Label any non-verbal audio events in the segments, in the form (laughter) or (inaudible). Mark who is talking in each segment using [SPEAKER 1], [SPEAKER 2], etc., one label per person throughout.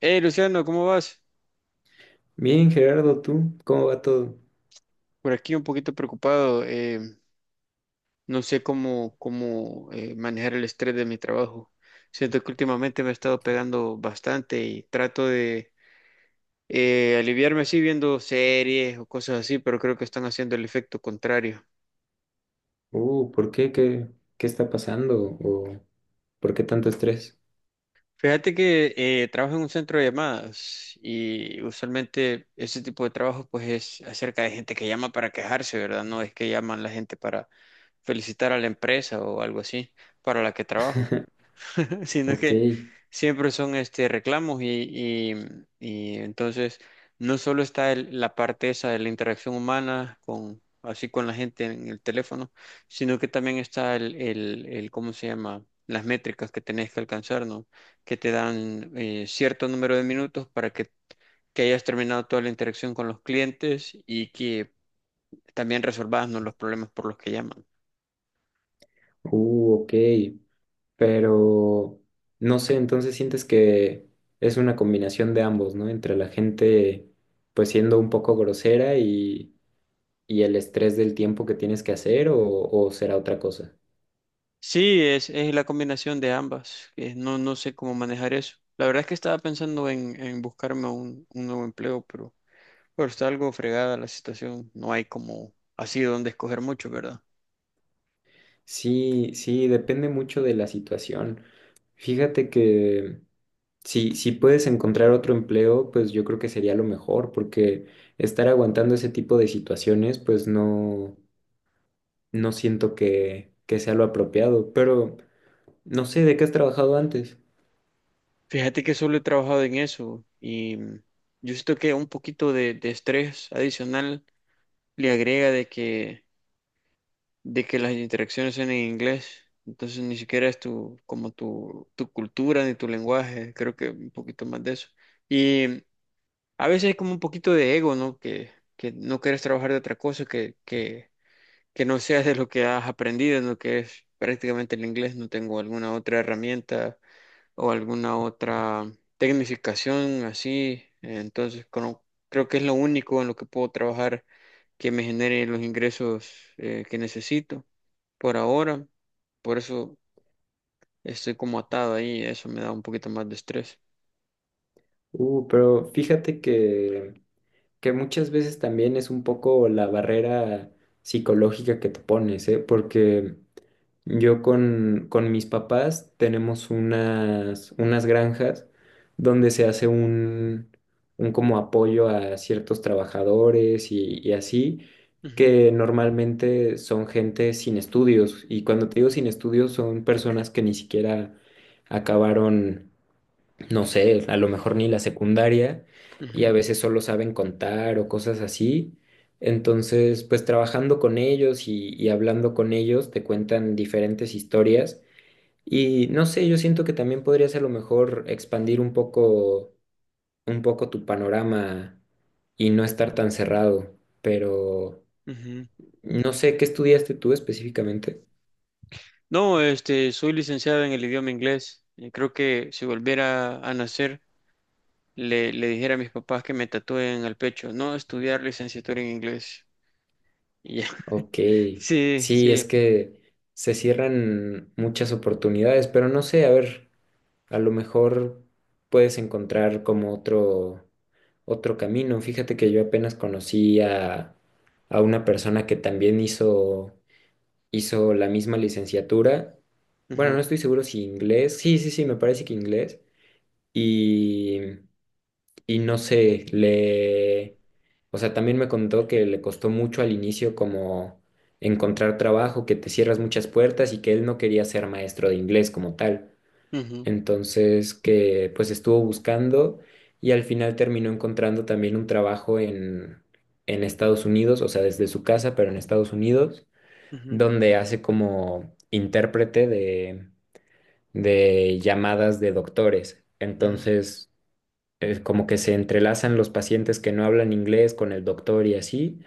[SPEAKER 1] Hey, Luciano, ¿cómo vas?
[SPEAKER 2] Bien, Gerardo, ¿tú cómo va todo?
[SPEAKER 1] Por aquí un poquito preocupado. No sé cómo manejar el estrés de mi trabajo. Siento que últimamente me ha estado pegando bastante y trato de aliviarme así viendo series o cosas así, pero creo que están haciendo el efecto contrario.
[SPEAKER 2] ¿Por qué? ¿Qué está pasando? ¿O por qué tanto estrés?
[SPEAKER 1] Fíjate que trabajo en un centro de llamadas y usualmente ese tipo de trabajo pues es acerca de gente que llama para quejarse, ¿verdad? No es que llaman la gente para felicitar a la empresa o algo así para la que trabajo, sino
[SPEAKER 2] Ok,
[SPEAKER 1] que siempre son este reclamos y entonces no solo está la parte esa de la interacción humana con así con la gente en el teléfono, sino que también está el ¿cómo se llama? Las métricas que tenés que alcanzar, ¿no? Que te dan cierto número de minutos para que hayas terminado toda la interacción con los clientes y que también resolvas, ¿no?, los problemas por los que llaman.
[SPEAKER 2] ok, pero no sé, entonces sientes que es una combinación de ambos, ¿no? Entre la gente pues siendo un poco grosera y el estrés del tiempo que tienes que hacer o será otra cosa.
[SPEAKER 1] Sí, es la combinación de ambas. No sé cómo manejar eso. La verdad es que estaba pensando en buscarme un nuevo empleo, pero está algo fregada la situación. No hay como así donde escoger mucho, ¿verdad?
[SPEAKER 2] Sí, sí, depende mucho de la situación. Fíjate que... Si puedes encontrar otro empleo, pues yo creo que sería lo mejor, porque estar aguantando ese tipo de situaciones, pues no, no siento que sea lo apropiado. Pero no sé, ¿de qué has trabajado antes?
[SPEAKER 1] Fíjate que solo he trabajado en eso y yo siento que un poquito de estrés adicional le agrega de de que las interacciones son en inglés. Entonces ni siquiera es tu cultura ni tu lenguaje. Creo que un poquito más de eso. A veces hay como un poquito de ego, ¿no? Que no quieres trabajar de otra cosa, que no seas de lo que has aprendido, en lo que es prácticamente el inglés. No tengo alguna otra herramienta o alguna otra tecnificación así. Entonces, creo que es lo único en lo que puedo trabajar que me genere los ingresos que necesito por ahora. Por eso estoy como atado ahí. Eso me da un poquito más de estrés.
[SPEAKER 2] Pero fíjate que muchas veces también es un poco la barrera psicológica que te pones, ¿eh? Porque yo con mis papás tenemos unas granjas donde se hace un como apoyo a ciertos trabajadores y así,
[SPEAKER 1] Ujú,
[SPEAKER 2] que normalmente son gente sin estudios. Y cuando te digo sin estudios son personas que ni siquiera acabaron no sé, a lo mejor ni la secundaria y a
[SPEAKER 1] ujú,
[SPEAKER 2] veces solo saben contar o cosas así. Entonces, pues trabajando con ellos y hablando con ellos, te cuentan diferentes historias y no sé, yo siento que también podrías a lo mejor expandir un poco tu panorama y no estar tan cerrado, pero
[SPEAKER 1] ujú.
[SPEAKER 2] no sé, ¿qué estudiaste tú específicamente?
[SPEAKER 1] No, este, soy licenciado en el idioma inglés. Y creo que si volviera a nacer, le dijera a mis papás que me tatúen al pecho, no estudiar licenciatura en inglés. Y ya. (laughs)
[SPEAKER 2] Ok,
[SPEAKER 1] Sí,
[SPEAKER 2] sí, es
[SPEAKER 1] sí.
[SPEAKER 2] que se cierran muchas oportunidades, pero no sé, a ver. A lo mejor puedes encontrar como otro, otro camino. Fíjate que yo apenas conocí a una persona que también hizo, hizo la misma licenciatura. Bueno,
[SPEAKER 1] Ujú,
[SPEAKER 2] no estoy seguro si inglés. Sí, sí, sí, me parece que inglés. Y, y no sé, le... O sea, también me contó que le costó mucho al inicio como encontrar trabajo, que te cierras muchas puertas y que él no quería ser maestro de inglés como tal
[SPEAKER 1] ujú,
[SPEAKER 2] entonces, que pues estuvo buscando y al final terminó encontrando también un trabajo en Estados Unidos, o sea, desde su casa, pero en Estados Unidos,
[SPEAKER 1] ujú,
[SPEAKER 2] donde hace como intérprete de llamadas de doctores.
[SPEAKER 1] ujú.
[SPEAKER 2] Entonces, es como que se entrelazan los pacientes que no hablan inglés con el doctor y así,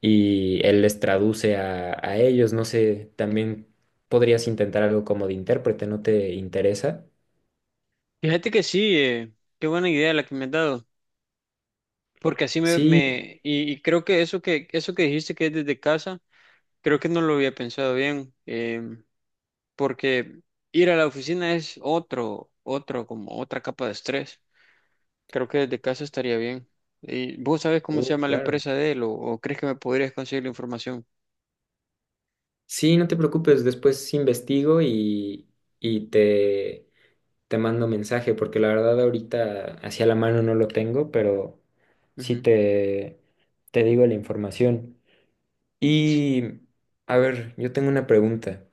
[SPEAKER 2] y él les traduce a ellos. No sé, también podrías intentar algo como de intérprete, ¿no te interesa?
[SPEAKER 1] Fíjate que sí, qué buena idea la que me has dado, porque así
[SPEAKER 2] Sí,
[SPEAKER 1] me y creo que eso que dijiste que es desde casa, creo que no lo había pensado bien, porque ir a la oficina es como otra capa de estrés. Creo que desde casa estaría bien. ¿Y vos sabés cómo se llama la
[SPEAKER 2] Claro.
[SPEAKER 1] empresa de él o crees que me podrías conseguir la información?
[SPEAKER 2] Sí, no te preocupes, después investigo y te mando mensaje, porque la verdad ahorita hacia la mano no lo tengo, pero sí
[SPEAKER 1] Ujú,
[SPEAKER 2] te digo la información. Y, a ver, yo tengo una pregunta.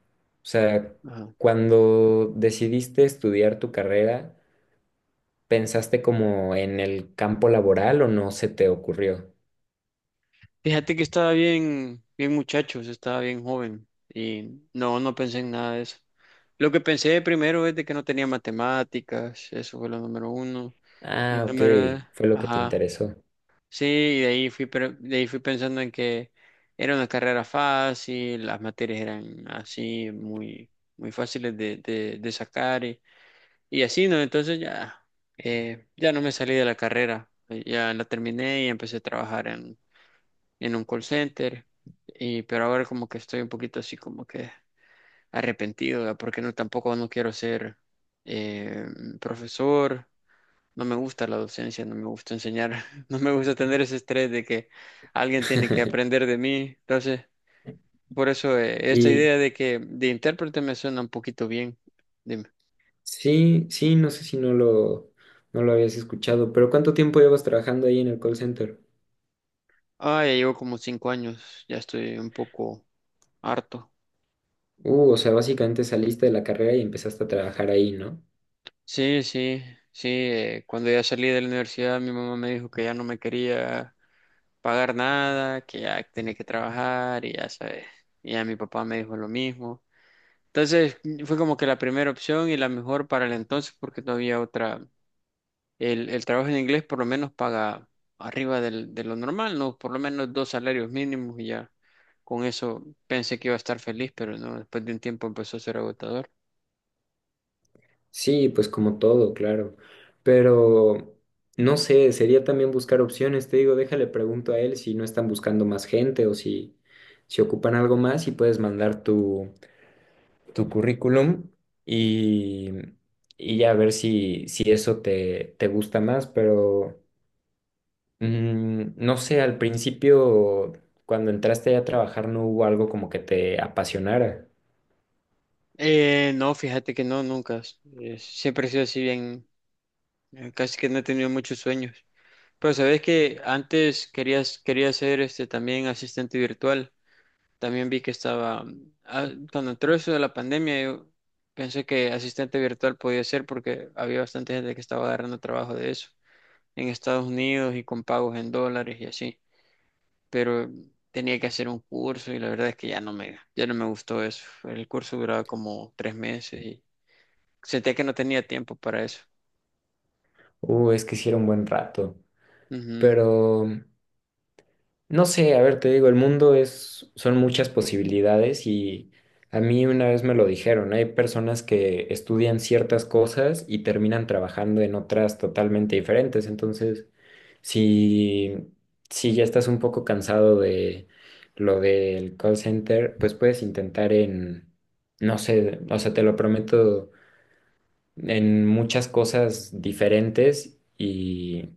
[SPEAKER 2] O sea,
[SPEAKER 1] ajá.
[SPEAKER 2] cuando decidiste estudiar tu carrera, ¿pensaste como en el campo laboral o no se te ocurrió?
[SPEAKER 1] Fíjate que estaba bien muchachos, estaba bien joven y no pensé en nada de eso. Lo que pensé primero es de que no tenía matemáticas, eso fue lo número uno. Y
[SPEAKER 2] Ah, ok,
[SPEAKER 1] número,
[SPEAKER 2] fue lo que te
[SPEAKER 1] ajá,
[SPEAKER 2] interesó.
[SPEAKER 1] sí, y de ahí de ahí fui pensando en que era una carrera fácil, las materias eran así, muy fáciles de sacar. Y así, ¿no? Entonces ya, ya no me salí de la carrera, ya la terminé y empecé a trabajar en un call center, y, pero ahora como que estoy un poquito así como que arrepentido, ¿verdad? Porque no, tampoco no quiero ser eh, profesor, no me gusta la docencia, no me gusta enseñar, (laughs) no me gusta tener ese estrés de que alguien tiene que aprender
[SPEAKER 2] (laughs)
[SPEAKER 1] de mí, entonces por eso esta
[SPEAKER 2] Y
[SPEAKER 1] idea de que de intérprete me suena un poquito bien. Dime.
[SPEAKER 2] sí, sí, no sé si no lo, no lo habías escuchado, pero ¿cuánto tiempo llevas trabajando ahí en el call center?
[SPEAKER 1] Ah, ya llevo como cinco años, ya estoy un poco harto.
[SPEAKER 2] O sea, básicamente saliste de la carrera y empezaste a trabajar ahí, ¿no?
[SPEAKER 1] Sí, sí, sí. Cuando ya salí de la universidad, mi mamá me dijo que ya no me quería pagar nada, que ya tenía que trabajar y ya sabes. Y ya mi papá me dijo lo mismo. Entonces fue como que la primera opción y la mejor para el entonces porque no había otra. El trabajo en inglés por lo menos paga arriba de lo normal, ¿no? Por lo menos dos salarios mínimos y ya con eso pensé que iba a estar feliz, pero no, después de un tiempo empezó a ser agotador.
[SPEAKER 2] Sí, pues como todo, claro. Pero no sé, sería también buscar opciones, te digo, déjale pregunto a él si no están buscando más gente o si, si ocupan algo más y puedes mandar tu, tu currículum y, y ya ver si, si eso te, te gusta más, pero. No sé, al principio, cuando entraste a trabajar, no hubo algo como que te apasionara.
[SPEAKER 1] No, fíjate que no, nunca. Siempre he sido así bien, casi que no he tenido muchos sueños. Pero sabes que antes quería ser este también asistente virtual. También vi que estaba, ah, cuando entró eso de la pandemia, yo pensé que asistente virtual podía ser porque había bastante gente que estaba agarrando trabajo de eso en Estados Unidos y con pagos en dólares y así. Pero tenía que hacer un curso y la verdad es que ya no ya no me gustó eso. El curso duraba como tres meses y sentía que no tenía tiempo para eso.
[SPEAKER 2] Es que hiciera un buen rato.
[SPEAKER 1] Ujú.
[SPEAKER 2] Pero, no sé, a ver, te digo, el mundo es, son muchas posibilidades y a mí una vez me lo dijeron, hay personas que estudian ciertas cosas y terminan trabajando en otras totalmente diferentes. Entonces, si, si ya estás un poco cansado de lo del call center, pues puedes intentar en, no sé, o sea, te lo prometo, en muchas cosas diferentes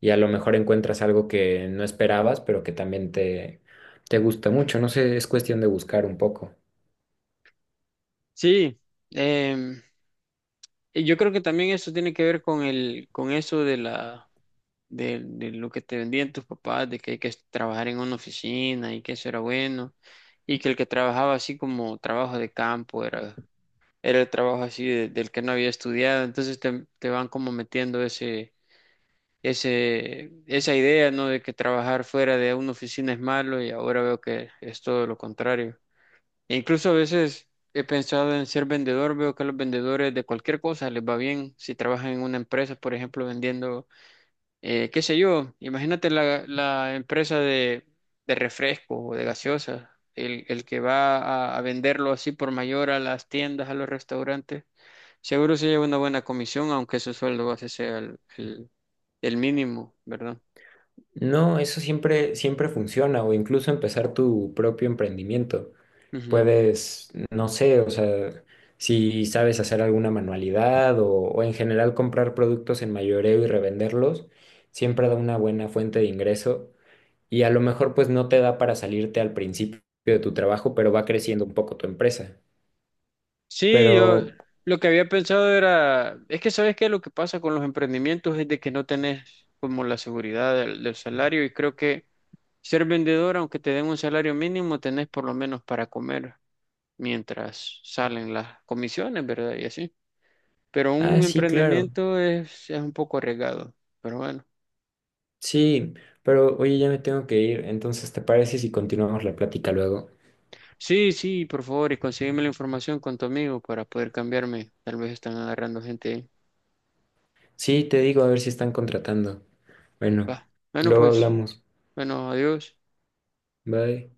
[SPEAKER 2] y a lo mejor encuentras algo que no esperabas, pero que también te gusta mucho. No sé, es cuestión de buscar un poco.
[SPEAKER 1] Sí, em, y yo creo que también eso tiene que ver con con eso de de lo que te vendían tus papás, de que hay que trabajar en una oficina y que eso era bueno, y que el que trabajaba así como trabajo de campo era el trabajo así del que no había estudiado, entonces te van como metiendo esa idea, ¿no?, de que trabajar fuera de una oficina es malo y ahora veo que es todo lo contrario. E incluso a veces he pensado en ser vendedor, veo que a los vendedores de cualquier cosa les va bien si trabajan en una empresa, por ejemplo, vendiendo, qué sé yo, imagínate la empresa de refrescos o de gaseosas. El que va a venderlo así por mayor a las tiendas, a los restaurantes, seguro se lleva una buena comisión, aunque su sueldo base sea el mínimo, ¿verdad?
[SPEAKER 2] No, eso siempre, siempre funciona, o incluso empezar tu propio emprendimiento.
[SPEAKER 1] Ujú.
[SPEAKER 2] Puedes, no sé, o sea, si sabes hacer alguna manualidad o en general comprar productos en mayoreo y revenderlos, siempre da una buena fuente de ingreso y a lo mejor pues no te da para salirte al principio de tu trabajo, pero va creciendo un poco tu empresa.
[SPEAKER 1] Sí, yo
[SPEAKER 2] Pero,
[SPEAKER 1] lo que había pensado es que sabes que lo que pasa con los emprendimientos es de que no tenés como la seguridad del salario y creo que ser vendedor, aunque te den un salario mínimo, tenés por lo menos para comer mientras salen las comisiones, ¿verdad? Y así. Pero
[SPEAKER 2] ah,
[SPEAKER 1] un
[SPEAKER 2] sí, claro,
[SPEAKER 1] emprendimiento es un poco arriesgado, pero bueno.
[SPEAKER 2] sí, pero oye, ya me tengo que ir, entonces ¿te parece si continuamos la plática luego?
[SPEAKER 1] Sí, sí, por favor, y consígueme la información con tu amigo para poder cambiarme. Tal vez están agarrando gente.
[SPEAKER 2] Sí, te digo, a ver si están contratando. Bueno,
[SPEAKER 1] Va. Bueno,
[SPEAKER 2] luego
[SPEAKER 1] pues,
[SPEAKER 2] hablamos.
[SPEAKER 1] bueno, adiós.
[SPEAKER 2] Bye.